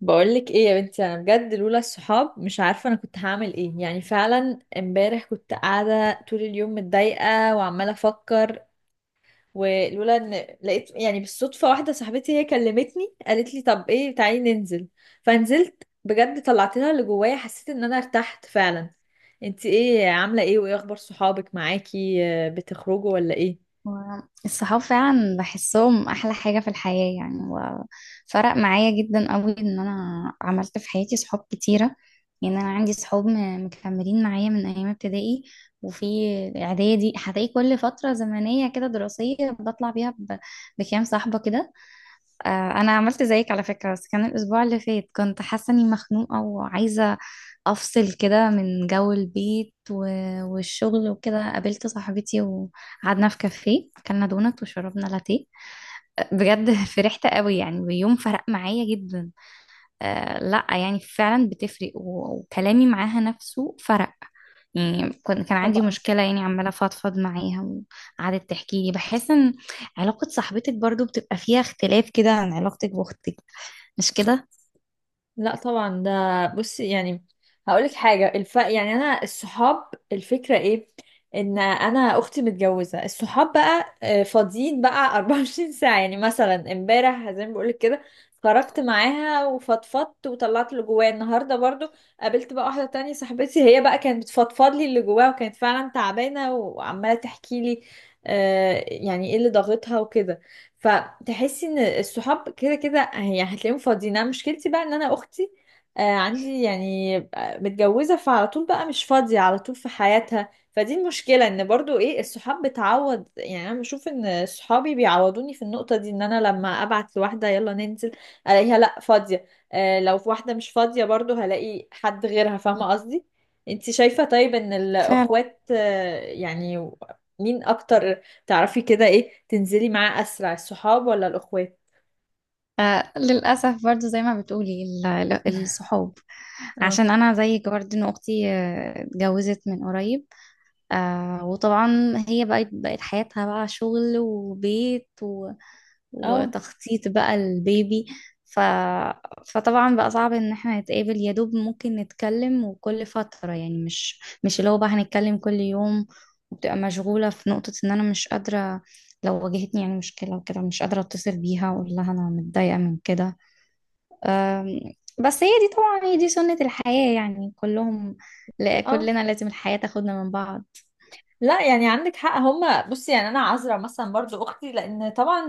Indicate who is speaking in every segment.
Speaker 1: بقولك ايه يا بنتي؟ انا بجد لولا الصحاب مش عارفه انا كنت هعمل ايه. يعني فعلا امبارح كنت قاعده طول اليوم متضايقه وعماله افكر، ولولا ان لقيت يعني بالصدفه واحده صاحبتي هي كلمتني قالت لي طب ايه تعالي ننزل، فنزلت بجد طلعت لها اللي جوايا، حسيت ان انا ارتحت فعلا. انتي ايه عامله ايه، وايه اخبار صحابك معاكي؟ آه، بتخرجوا ولا ايه؟
Speaker 2: الصحاب فعلا بحسهم احلى حاجة في الحياة يعني، وفرق معايا جدا قوي ان انا عملت في حياتي صحاب كتيرة. يعني انا عندي صحاب مكملين معايا من ايام ابتدائي، وفي اعدادي هتلاقي كل فترة زمنية كده دراسية بطلع بيها بكام صاحبة كده. آه، انا عملت زيك على فكره، بس كان الاسبوع اللي فات كنت حاسه اني مخنوقه وعايزه افصل كده من جو البيت والشغل وكده، قابلت صاحبتي وقعدنا في كافيه اكلنا دونت وشربنا لاتيه. آه، بجد فرحت قوي يعني، ويوم فرق معايا جدا. آه، لا يعني فعلا بتفرق وكلامي معاها نفسه فرق. يعني كان عندي مشكلة، يعني عمالة أفضفض معاها وقعدت تحكي لي. بحس إن علاقة صاحبتك برضو بتبقى فيها اختلاف كده عن علاقتك بأختك، مش كده؟
Speaker 1: لا طبعا، ده بصي يعني هقولك حاجة، يعني أنا الصحاب، الفكرة إيه؟ إن أنا أختي متجوزة، الصحاب بقى فاضيين بقى 24 ساعة. يعني مثلا امبارح زي ما بقولك كده خرجت معاها وفضفضت وطلعت اللي جوايا، النهاردة برضو قابلت بقى واحدة تانية صاحبتي، هي بقى كانت بتفضفض لي اللي جواها وكانت فعلا تعبانة وعمالة تحكي لي يعني إيه اللي ضاغطها وكده. فتحسي ان الصحاب كده كده هي هتلاقيهم فاضيين. انا مشكلتي بقى ان انا اختي عندي يعني متجوزة، فعلى طول بقى مش فاضية على طول في حياتها، فدي المشكلة. ان برضو ايه، الصحاب بتعوض. يعني انا بشوف ان صحابي بيعوضوني في النقطة دي، ان انا لما ابعت لواحدة يلا ننزل الاقيها لا فاضية، لو في واحدة مش فاضية برضو هلاقي حد غيرها، فاهمة قصدي؟ انتي شايفة طيب ان
Speaker 2: فعلا.
Speaker 1: الاخوات يعني مين اكتر تعرفي كده، ايه تنزلي معاه اسرع، الصحاب ولا الاخوات؟
Speaker 2: آه، للأسف برضو زي ما بتقولي الصحاب،
Speaker 1: اه.
Speaker 2: عشان أنا زيك برضو. إن أختي اتجوزت من قريب. آه، وطبعا هي بقت حياتها بقى شغل وبيت
Speaker 1: اه.
Speaker 2: وتخطيط بقى البيبي. ف... فطبعا بقى صعب ان احنا نتقابل، يا دوب ممكن نتكلم وكل فترة، يعني مش اللي هو بقى هنتكلم كل يوم، وبتبقى مشغولة. في نقطة ان انا مش قادرة لو واجهتني يعني مشكلة وكده، مش قادرة اتصل بيها واقول لها انا متضايقة من كده. أم، بس هي دي طبعا، هي دي سنة الحياة يعني كلهم، لا
Speaker 1: اه،
Speaker 2: كلنا، لازم الحياة تاخدنا من بعض.
Speaker 1: لا يعني عندك حق. هما بصي يعني انا عذرة مثلا برضو اختي، لان طبعا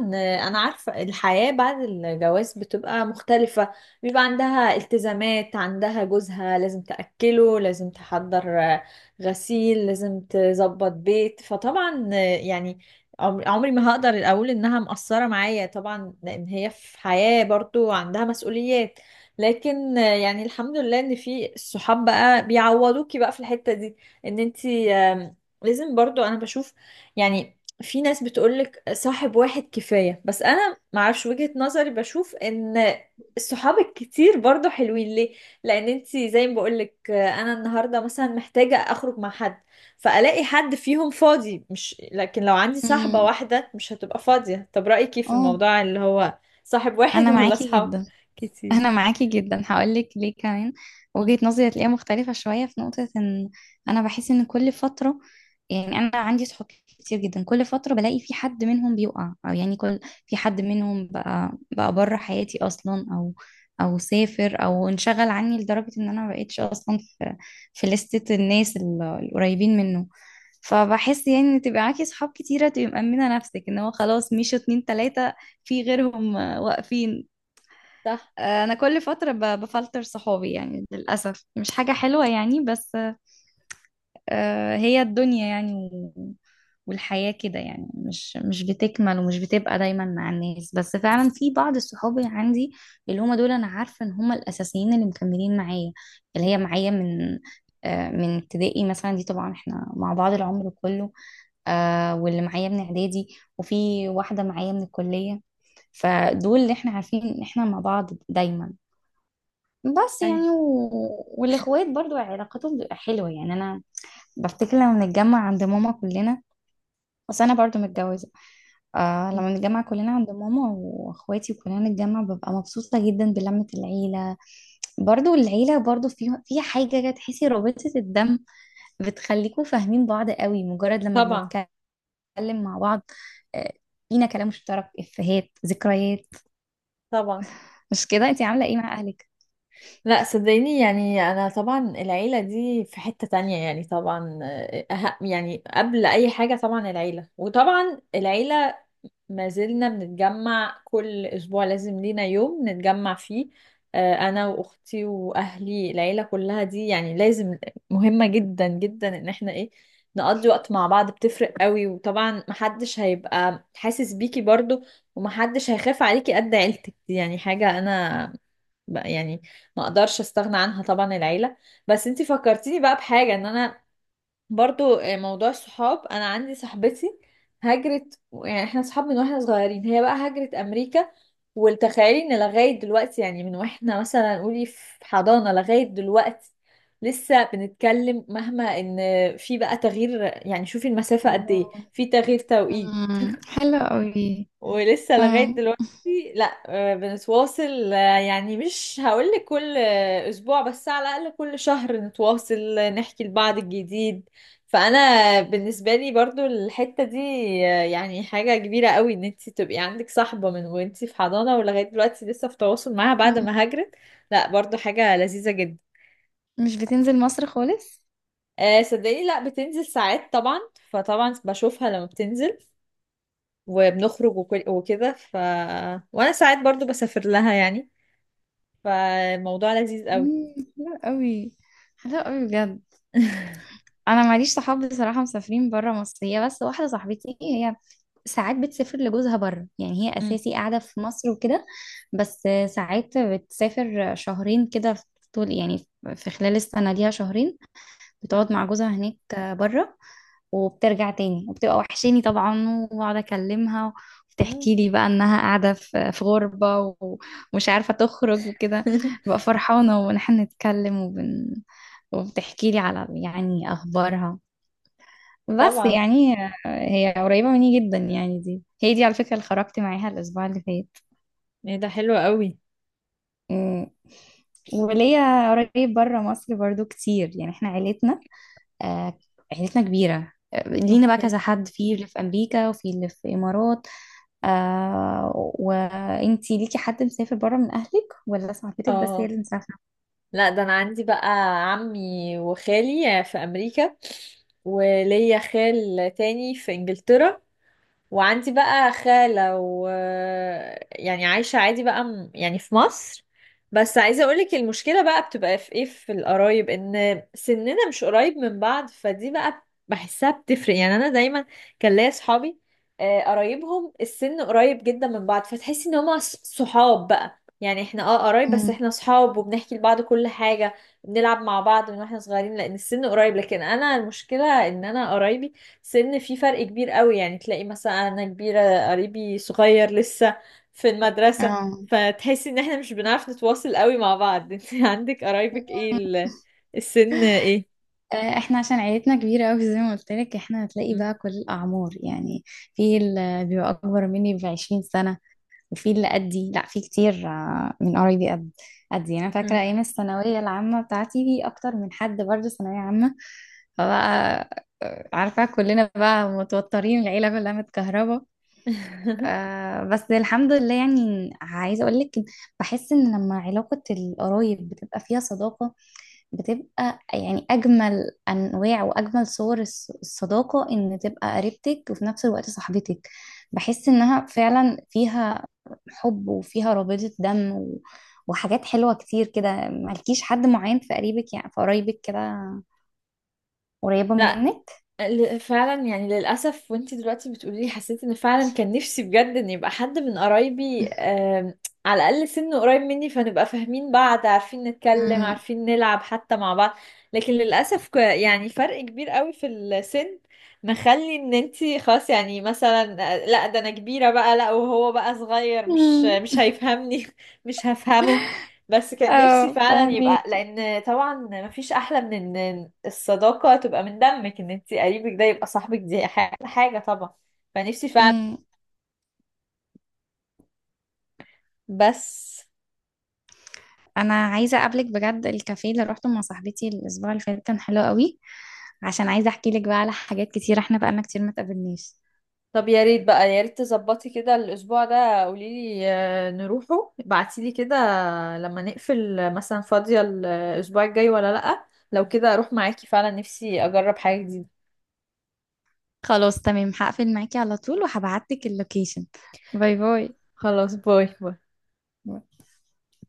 Speaker 1: انا عارفة الحياة بعد الجواز بتبقى مختلفة. بيبقى عندها التزامات، عندها جوزها، لازم تأكله، لازم تحضر غسيل، لازم تظبط بيت. فطبعا يعني عمري ما هقدر اقول انها مقصرة معايا طبعا، لان هي في حياة برضو عندها مسؤوليات. لكن يعني الحمد لله ان في الصحاب بقى بيعوضوكي بقى في الحتة دي، ان انتي لازم برضو، انا بشوف يعني في ناس بتقولك صاحب واحد كفاية، بس انا معرفش، وجهة نظري بشوف ان الصحاب الكتير برضو حلوين. ليه؟ لان انتي زي ما بقولك، انا النهاردة مثلا محتاجة اخرج مع حد فالاقي حد فيهم فاضي، مش لكن لو عندي صاحبة
Speaker 2: امم،
Speaker 1: واحدة مش هتبقى فاضية. طب رأيك ايه في
Speaker 2: اه،
Speaker 1: الموضوع اللي هو صاحب واحد
Speaker 2: انا
Speaker 1: ولا
Speaker 2: معاكي
Speaker 1: صحاب
Speaker 2: جدا. انا
Speaker 1: كتير؟
Speaker 2: معاكي جدا، هقولك ليه كمان.
Speaker 1: م.
Speaker 2: وجهة نظري هتلاقيها مختلفة شوية في نقطة ان انا بحس ان كل فترة، يعني انا عندي صحاب كتير جدا، كل فترة بلاقي في حد منهم بيقع، او يعني كل في حد منهم بقى بره حياتي اصلا، او سافر او انشغل عني لدرجة ان انا ما بقتش اصلا في لستة الناس القريبين منه. فبحس يعني ان تبقى معاكي صحاب كتيرة تبقي مأمنة نفسك ان هو خلاص مشوا اتنين تلاتة في غيرهم آه، واقفين.
Speaker 1: صح.
Speaker 2: انا كل فتره بفلتر صحابي. يعني للاسف مش حاجه حلوه يعني، بس آه، هي الدنيا يعني والحياه كده. يعني مش بتكمل ومش بتبقى دايما مع الناس، بس فعلا في بعض الصحابي عندي اللي هم دول انا عارفه ان هم الاساسيين اللي مكملين معايا، اللي
Speaker 1: م.
Speaker 2: هي معايا من من ابتدائي مثلا. دي طبعا احنا مع بعض العمر كله. آه، واللي معايا من اعدادي، وفي واحده معايا من الكليه. فدول اللي احنا عارفين ان احنا مع بعض دايما. بس
Speaker 1: أي.
Speaker 2: يعني والاخوات برضو علاقتهم بتبقى حلوه. يعني انا بفتكر لما بنتجمع عند ماما كلنا، بس انا برضو متجوزه. آه،
Speaker 1: م.
Speaker 2: لما نتجمع كلنا عند ماما واخواتي وكلنا نتجمع ببقى مبسوطه جدا بلمه العيله. برضو العيله برضو فيها حاجه كده تحسي رابطه الدم بتخليكوا فاهمين بعض قوي، مجرد لما
Speaker 1: طبعا.
Speaker 2: بنتكلم مع بعض آه، فينا كلام مشترك، افيهات، ذكريات.
Speaker 1: طبعا.
Speaker 2: مش كده؟ انتي عامله ايه مع اهلك؟
Speaker 1: لا صدقيني يعني انا طبعا العيله دي في حته تانية يعني. طبعا أه، يعني قبل اي حاجه طبعا العيله، وطبعا العيله ما زلنا بنتجمع كل أسبوع، لازم لينا يوم نتجمع فيه. أنا وأختي وأهلي العيلة كلها دي، يعني لازم، مهمة جدا جدا إن احنا إيه نقضي وقت مع بعض، بتفرق قوي. وطبعا محدش هيبقى حاسس بيكي برضو، ومحدش هيخاف عليكي قد عيلتك دي. يعني حاجة أنا يعني ما اقدرش استغنى عنها طبعا، العيلة. بس انتي فكرتيني بقى بحاجة، ان انا برضو موضوع الصحاب، انا عندي صاحبتي هاجرت. يعني احنا صحاب من واحنا صغيرين، هي بقى هاجرت امريكا. وتخيلي ان لغايه دلوقتي، يعني من واحنا مثلا قولي في حضانه لغايه دلوقتي لسه بنتكلم، مهما ان في بقى تغيير. يعني شوفي المسافه قد ايه،
Speaker 2: الله.
Speaker 1: في تغيير توقيت،
Speaker 2: حلو قوي.
Speaker 1: ولسه
Speaker 2: اه،
Speaker 1: لغاية دلوقتي لا بنتواصل. يعني مش هقولك كل أسبوع، بس على الأقل كل شهر نتواصل، نحكي لبعض الجديد. فأنا بالنسبة لي برضو الحتة دي يعني حاجة كبيرة قوي، إن انتي تبقي عندك صاحبة من وانتي في حضانة ولغاية دلوقتي لسه في تواصل معاها بعد ما هاجرت. لا برضو حاجة لذيذة جدا.
Speaker 2: مش بتنزل مصر خالص؟
Speaker 1: صدقيني لا، بتنزل ساعات طبعا، فطبعا بشوفها لما بتنزل وبنخرج وكده. ف وانا ساعات برضو بسافر لها يعني، فالموضوع لذيذ قوي.
Speaker 2: حلو قوي، حلو قوي بجد. انا معليش صحاب بصراحه مسافرين بره مصر، هي بس واحده صاحبتي هي ساعات بتسافر لجوزها بره. يعني هي
Speaker 1: أمم.
Speaker 2: اساسي قاعده في مصر وكده، بس ساعات بتسافر شهرين كده في طول يعني، في خلال السنه ليها شهرين
Speaker 1: آه.
Speaker 2: بتقعد مع جوزها هناك بره، وبترجع تاني وبتبقى وحشاني طبعا، واقعد اكلمها
Speaker 1: أمم.
Speaker 2: وبتحكي لي بقى انها قاعده في غربه ومش عارفه تخرج وكده. ببقى فرحانه ونحن نتكلم وبتحكي لي على يعني اخبارها. بس
Speaker 1: طبعا.
Speaker 2: يعني هي قريبه مني جدا، يعني دي هي دي على فكره اللي خرجت معاها الاسبوع اللي فات.
Speaker 1: ايه ده حلو قوي
Speaker 2: أمم. وليا قريب بره مصر برضو كتير، يعني احنا آه، عيلتنا كبيره. آه، لينا بقى
Speaker 1: اوكي
Speaker 2: كذا حد، في اللي في امريكا وفي اللي في الامارات. آه، وانتي ليكي حد مسافر بره من اهلك، ولا صاحبتك بس هي
Speaker 1: اه
Speaker 2: اللي مسافره؟
Speaker 1: لا ده انا عندي بقى عمي وخالي في امريكا، وليا خال تاني في انجلترا، وعندي بقى خالة، و يعني عايشة عادي بقى يعني في مصر. بس عايزة اقولك، المشكلة بقى بتبقى في ايه، في القرايب ان سننا مش قريب من بعض، فدي بقى بحسها بتفرق. يعني انا دايما كان ليا صحابي قرايبهم السن قريب جدا من بعض، فتحسي ان هما صحاب بقى. يعني احنا اه قرايب، بس
Speaker 2: مم.
Speaker 1: احنا صحاب وبنحكي لبعض كل حاجة، بنلعب مع بعض من واحنا صغيرين لان السن قريب. لكن انا المشكلة ان انا قرايبي سن في فرق كبير قوي، يعني تلاقي مثلا انا كبيرة قريبي صغير لسه في المدرسة،
Speaker 2: اه.
Speaker 1: فتحسي ان احنا مش بنعرف نتواصل قوي مع بعض. انت عندك قرايبك ايه، السن ايه؟
Speaker 2: آه، احنا عشان عيلتنا كبيرة قوي زي ما قلت لك، احنا هتلاقي
Speaker 1: م-
Speaker 2: بقى كل الأعمار يعني، في اللي بيبقى أكبر مني بـ20 سنة، وفي اللي قدي، لا في كتير من قرايبي قدي. أنا فاكرة
Speaker 1: م.
Speaker 2: أيام الثانوية العامة بتاعتي في أكتر من حد برضه ثانوية عامة، فبقى عارفة كلنا بقى متوترين، العيلة كلها متكهربة. آه، بس الحمد لله، يعني عايزة أقول لك بحس إن لما علاقة القرايب بتبقى فيها صداقة، بتبقى يعني أجمل أنواع وأجمل صور الصداقة، إن تبقى قريبتك وفي نفس الوقت صاحبتك. بحس إنها فعلا فيها حب وفيها رابطة دم وحاجات حلوة كتير كده. مالكيش حد معين في قريبك، يعني في قرايبك كده قريبة منك؟
Speaker 1: فعلا يعني للأسف، وانتي دلوقتي بتقولي لي حسيت ان فعلا كان نفسي بجد ان يبقى حد من قرايبي على الأقل سنه قريب مني، فنبقى فاهمين بعض، عارفين نتكلم،
Speaker 2: امم
Speaker 1: عارفين نلعب حتى مع بعض. لكن للأسف يعني فرق كبير قوي في السن، مخلي ان انتي خلاص يعني مثلا لا ده انا كبيرة بقى، لا وهو بقى صغير، مش
Speaker 2: امم
Speaker 1: مش هيفهمني مش هفهمه. بس كان نفسي
Speaker 2: اه،
Speaker 1: فعلا يبقى،
Speaker 2: فاهمك.
Speaker 1: لان طبعا مفيش احلى من ان الصداقة تبقى من دمك، ان انتي قريبك ده يبقى صاحبك، دي حاجة طبعا. فنفسي فعلا، بس
Speaker 2: انا عايزه اقابلك بجد، الكافيه اللي روحته مع صاحبتي الاسبوع اللي فات كان حلو قوي. عشان عايزه احكي لك بقى على حاجات كتير، احنا بقالنا كتير ما اتقابلناش.
Speaker 1: طب يا ريت بقى، يا ريت تظبطي كده الاسبوع ده، قوليلي نروحه، ابعتيلي كده لما نقفل مثلا فاضية الاسبوع الجاي ولا لأ، لو كده اروح معاكي. فعلا نفسي اجرب حاجة جديدة.
Speaker 2: خلاص، تمام، هقفل معاكي على طول وهبعت لك اللوكيشن. باي باي.
Speaker 1: خلاص، باي باي.